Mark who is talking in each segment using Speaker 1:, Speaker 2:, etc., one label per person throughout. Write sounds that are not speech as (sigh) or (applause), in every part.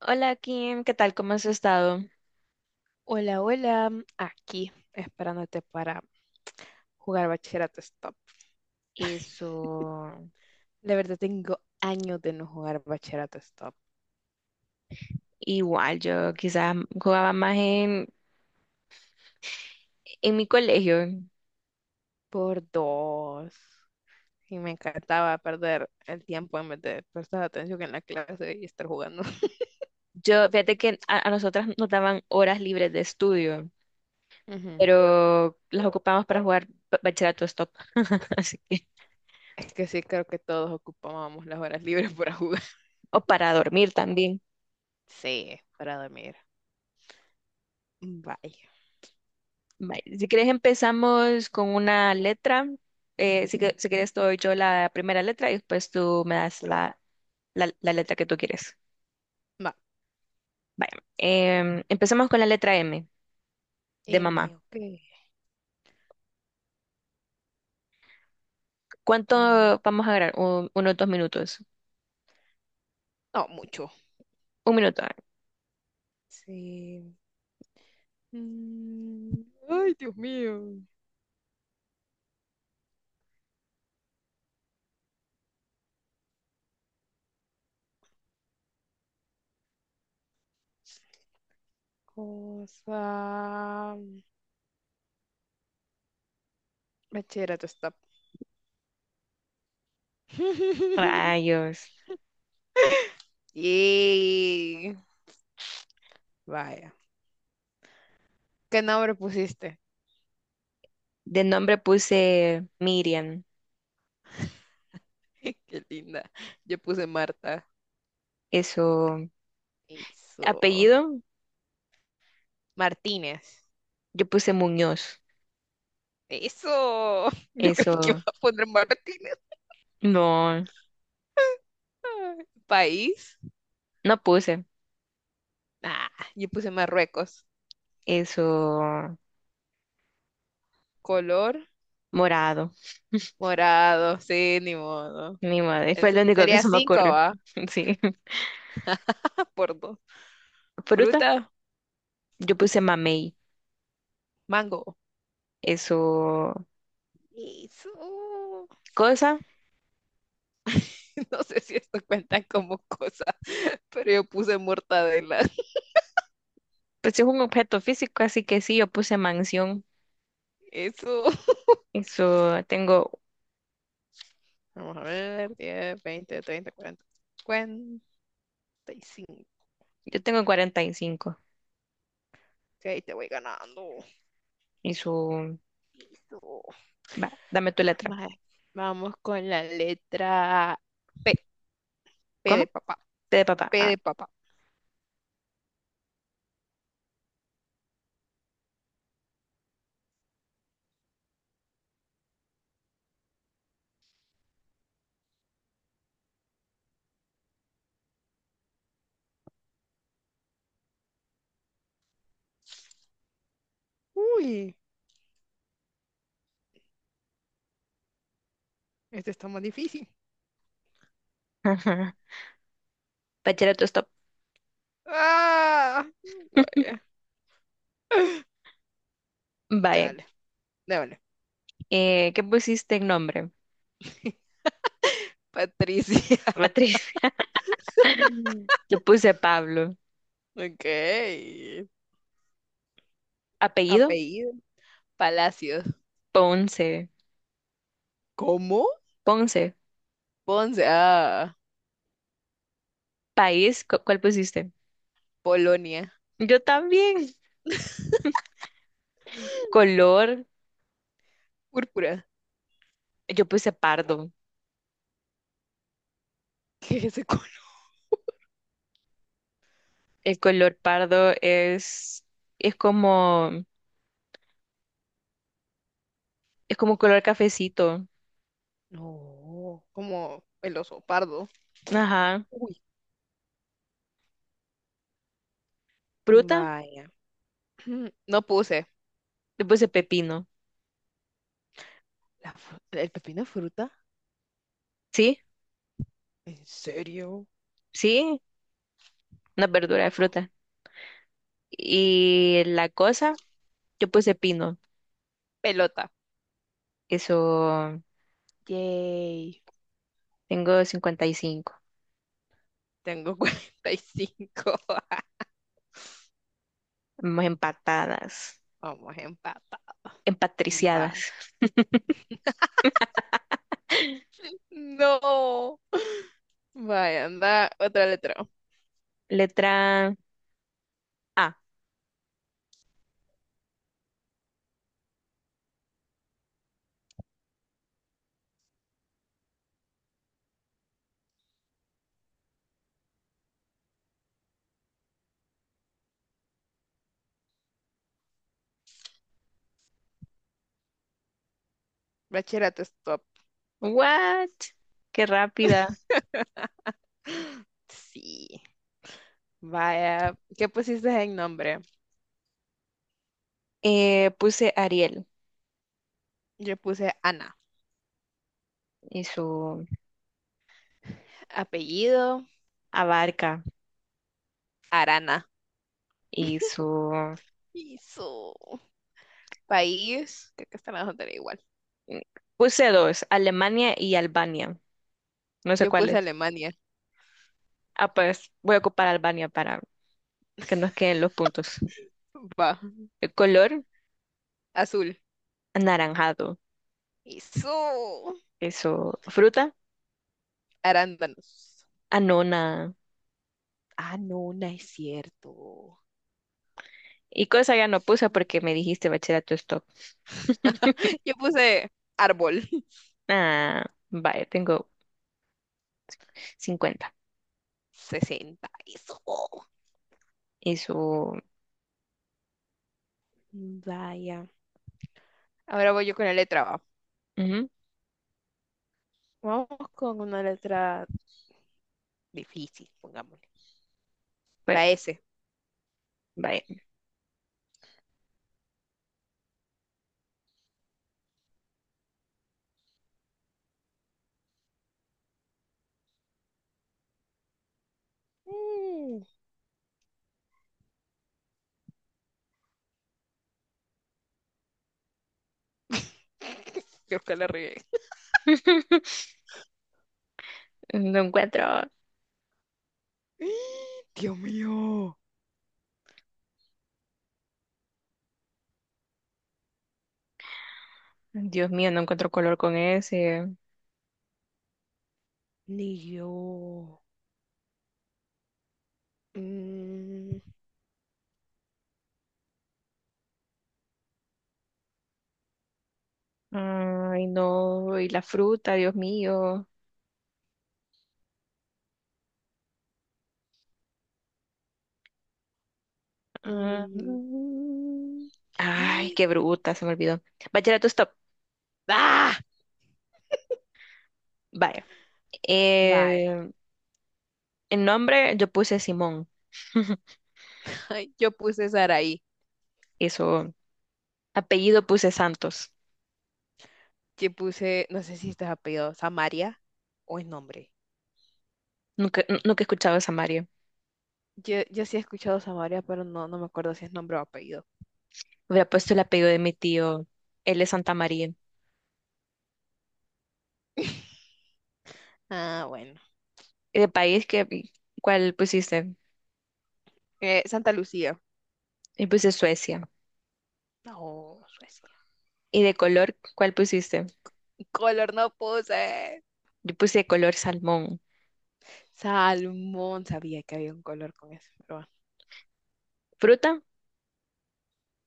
Speaker 1: Hola Kim, ¿qué tal? ¿Cómo has estado?
Speaker 2: Hola, hola, aquí esperándote para jugar Bachillerato Stop. (laughs)
Speaker 1: Eso,
Speaker 2: La verdad tengo años de no jugar Bachillerato Stop,
Speaker 1: igual, yo quizás jugaba más en mi colegio.
Speaker 2: por dos. Y me encantaba perder el tiempo en vez de prestar atención en la clase y estar jugando. (laughs)
Speaker 1: Yo, fíjate que a nosotras nos daban horas libres de estudio,
Speaker 2: Ujú.
Speaker 1: pero las ocupamos para jugar bachillerato stop, (laughs) así que,
Speaker 2: Es que sí, creo que todos ocupábamos las horas libres para jugar. (laughs)
Speaker 1: o para dormir también.
Speaker 2: Sí, para dormir. Vaya.
Speaker 1: Vaya, si quieres empezamos con una letra. Si, si quieres doy yo la primera letra y después tú me das la letra que tú quieres.
Speaker 2: Va.
Speaker 1: Vaya, empezamos con la letra M de
Speaker 2: M,
Speaker 1: mamá.
Speaker 2: ok.
Speaker 1: ¿Cuánto
Speaker 2: Mm,
Speaker 1: vamos a grabar? Unos 2 minutos.
Speaker 2: No, mucho.
Speaker 1: 1 minuto.
Speaker 2: Sí. Mm, Ay, Dios mío. Cosa. Bachillerato stop. (laughs)
Speaker 1: Rayos.
Speaker 2: Yay. Vaya. ¿Qué nombre pusiste?
Speaker 1: De nombre puse Miriam.
Speaker 2: (laughs) Qué linda. Yo puse Marta.
Speaker 1: Eso.
Speaker 2: Eso.
Speaker 1: Apellido,
Speaker 2: Martínez.
Speaker 1: yo puse Muñoz.
Speaker 2: Eso. (laughs) Yo creí que iba
Speaker 1: Eso.
Speaker 2: a poner Martínez.
Speaker 1: No,
Speaker 2: (laughs) País.
Speaker 1: no puse.
Speaker 2: Ah, yo puse Marruecos.
Speaker 1: Eso.
Speaker 2: Color
Speaker 1: Morado.
Speaker 2: morado. Sí, ni modo.
Speaker 1: Mi madre. Fue lo
Speaker 2: Entonces
Speaker 1: único que
Speaker 2: sería
Speaker 1: se me
Speaker 2: cinco,
Speaker 1: ocurrió.
Speaker 2: ¿va?
Speaker 1: (laughs) Sí.
Speaker 2: (laughs) Por dos.
Speaker 1: Fruta,
Speaker 2: Fruta,
Speaker 1: yo puse mamey.
Speaker 2: mango.
Speaker 1: Eso.
Speaker 2: Eso. (laughs)
Speaker 1: Cosa,
Speaker 2: No sé si esto cuenta como cosa, pero yo puse mortadela. (laughs)
Speaker 1: pues es un objeto físico, así que sí, yo puse mansión.
Speaker 2: Eso.
Speaker 1: Eso.
Speaker 2: Vamos a ver, 10, 20, 30, cuarenta, 40, y cinco,
Speaker 1: Yo tengo 45.
Speaker 2: ahí te voy ganando.
Speaker 1: Eso.
Speaker 2: Eso.
Speaker 1: Va, dame tu letra.
Speaker 2: Vale, vamos con la letra P. P de
Speaker 1: ¿Cómo?
Speaker 2: papá.
Speaker 1: T de papá.
Speaker 2: P
Speaker 1: Ah.
Speaker 2: de papá. Uy, este está más difícil.
Speaker 1: (laughs) Bachillerato, stop.
Speaker 2: Ah, vaya.
Speaker 1: Vaya.
Speaker 2: Chale, déjale.
Speaker 1: ¿Qué pusiste en nombre?
Speaker 2: (laughs) Patricia.
Speaker 1: Beatriz. (laughs) Yo puse Pablo.
Speaker 2: Ok.
Speaker 1: Apellido,
Speaker 2: Apellido. Palacios.
Speaker 1: Ponce.
Speaker 2: ¿Cómo?
Speaker 1: Ponce.
Speaker 2: Ponce. Ah,
Speaker 1: País, ¿cuál pusiste?
Speaker 2: Polonia.
Speaker 1: Yo también. Color,
Speaker 2: Púrpura. (laughs)
Speaker 1: yo puse pardo.
Speaker 2: ¿Qué es ese color?
Speaker 1: El color pardo es como, es como color cafecito.
Speaker 2: No. Como el oso pardo.
Speaker 1: Ajá.
Speaker 2: Uy,
Speaker 1: Fruta,
Speaker 2: vaya. (clears throat) No puse.
Speaker 1: yo puse pepino.
Speaker 2: La fru- ¿El pepino es fruta?
Speaker 1: ¿Sí?
Speaker 2: ¿En serio?
Speaker 1: ¿Sí? Una verdura de
Speaker 2: Wow.
Speaker 1: fruta. Y la cosa. Yo puse pino.
Speaker 2: Pelota.
Speaker 1: Eso,
Speaker 2: Yay.
Speaker 1: tengo 55.
Speaker 2: Tengo 45. (laughs)
Speaker 1: Vamos empatadas,
Speaker 2: Vamos empate. Vaya.
Speaker 1: empatriciadas.
Speaker 2: No. Vaya, anda. Otra letra.
Speaker 1: Letra A.
Speaker 2: Bachillerato, stop.
Speaker 1: What? Qué rápida.
Speaker 2: Sí. Vaya, ¿qué pusiste en nombre?
Speaker 1: Puse Ariel
Speaker 2: Yo puse Ana.
Speaker 1: y su
Speaker 2: Apellido,
Speaker 1: Abarca
Speaker 2: Arana.
Speaker 1: y su...
Speaker 2: Eso. País, creo que están las otras igual.
Speaker 1: Puse dos, Alemania y Albania. No sé
Speaker 2: Yo puse
Speaker 1: cuáles.
Speaker 2: Alemania.
Speaker 1: Ah, pues voy a ocupar Albania para que nos queden los puntos.
Speaker 2: Va,
Speaker 1: El color,
Speaker 2: azul.
Speaker 1: anaranjado.
Speaker 2: Eso.
Speaker 1: Eso, fruta,
Speaker 2: Arándanos.
Speaker 1: anona.
Speaker 2: Ah, no, no es cierto.
Speaker 1: Y cosa ya no puse porque me dijiste bachillerato.
Speaker 2: (laughs)
Speaker 1: (laughs)
Speaker 2: Yo puse árbol. (laughs)
Speaker 1: Ah, vaya, tengo 50.
Speaker 2: 60. Eso.
Speaker 1: Y su...
Speaker 2: Vaya. Ahora voy yo con la letra A.
Speaker 1: ujú,
Speaker 2: Vamos con una letra difícil, pongámosle.
Speaker 1: fue-
Speaker 2: La S.
Speaker 1: vaya.
Speaker 2: Mm. (laughs) Creo que la regué.
Speaker 1: (laughs) No encuentro.
Speaker 2: (gasps) Dios mío.
Speaker 1: Dios mío, no encuentro color con ese.
Speaker 2: Ni yo. Mm,
Speaker 1: Ay, no. Y la fruta, Dios mío. Ah,
Speaker 2: mm.
Speaker 1: mm. Ay, qué bruta, se me olvidó. Bachillerato, stop.
Speaker 2: (gasps) ¡Ah!
Speaker 1: Vaya.
Speaker 2: Vale.
Speaker 1: Eh, el nombre yo puse Simón. (laughs)
Speaker 2: (laughs) Yo puse Saraí.
Speaker 1: Eso, apellido puse Santos.
Speaker 2: Yo puse, no sé si este es apellido, Samaria, o es nombre.
Speaker 1: Nunca he escuchado a Samario.
Speaker 2: Yo sí he escuchado Samaria, pero no, no me acuerdo si es nombre o apellido.
Speaker 1: Hubiera puesto el apellido de mi tío. Él es Santa María.
Speaker 2: (laughs) Ah, bueno.
Speaker 1: Y de país, que, ¿cuál pusiste?
Speaker 2: Santa Lucía.
Speaker 1: Yo puse Suecia.
Speaker 2: No, Suecia.
Speaker 1: ¿Y de color, cuál pusiste?
Speaker 2: Color no puse.
Speaker 1: Yo puse color salmón.
Speaker 2: Salmón. Sabía que había un color con eso, pero bueno.
Speaker 1: Fruta,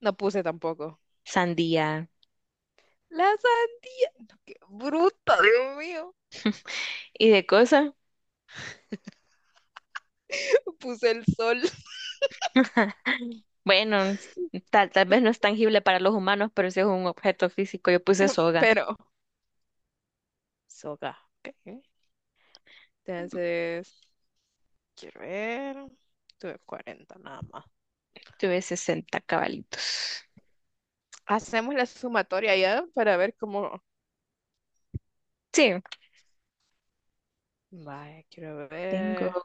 Speaker 2: No puse tampoco.
Speaker 1: sandía.
Speaker 2: La sandía. No, qué bruto, Dios mío.
Speaker 1: ¿Y de cosa?
Speaker 2: Puse el sol, (laughs)
Speaker 1: (laughs) Bueno, tal vez no es tangible para los humanos, pero sí es un objeto físico. Yo puse soga.
Speaker 2: pero soga. Ok. Entonces, quiero ver. Tuve 40 nada más.
Speaker 1: Tuve 60 cabalitos.
Speaker 2: Hacemos la sumatoria ya para ver cómo.
Speaker 1: Sí,
Speaker 2: Vaya, quiero
Speaker 1: tengo
Speaker 2: ver.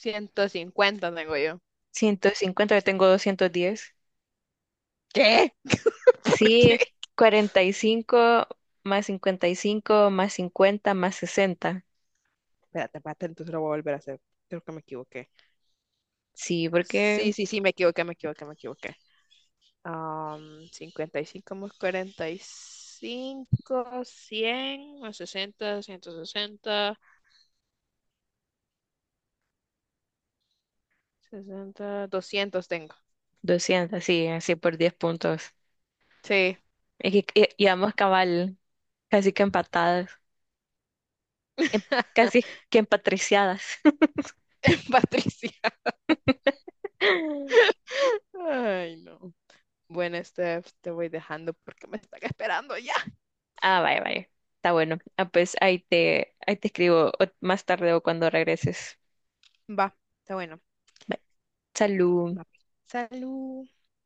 Speaker 2: 150 tengo yo.
Speaker 1: 150. Yo tengo 210.
Speaker 2: ¿Qué? (laughs) ¿Por qué?
Speaker 1: Sí, 45 más 55 más 50 más 60.
Speaker 2: Espérate, espérate, entonces lo voy a volver a hacer. Creo que me equivoqué.
Speaker 1: Sí,
Speaker 2: Sí,
Speaker 1: porque
Speaker 2: sí, sí, me equivoqué, me equivoqué, me equivoqué. 55 más 45, 100 más 60, 160, 60, 200 tengo.
Speaker 1: 200, sí, así por 10 puntos.
Speaker 2: Sí,
Speaker 1: Es que íbamos cabal, casi que empatadas, em-
Speaker 2: (laughs)
Speaker 1: casi que empatriciadas.
Speaker 2: Patricia.
Speaker 1: (laughs)
Speaker 2: Ay, no. Bueno, Steph, te voy dejando porque me están esperando ya.
Speaker 1: Ah, vaya, vaya. Está bueno. Ah, pues ahí te escribo más tarde o cuando regreses.
Speaker 2: Va, está bueno.
Speaker 1: Bye. Salud.
Speaker 2: Va. Salud.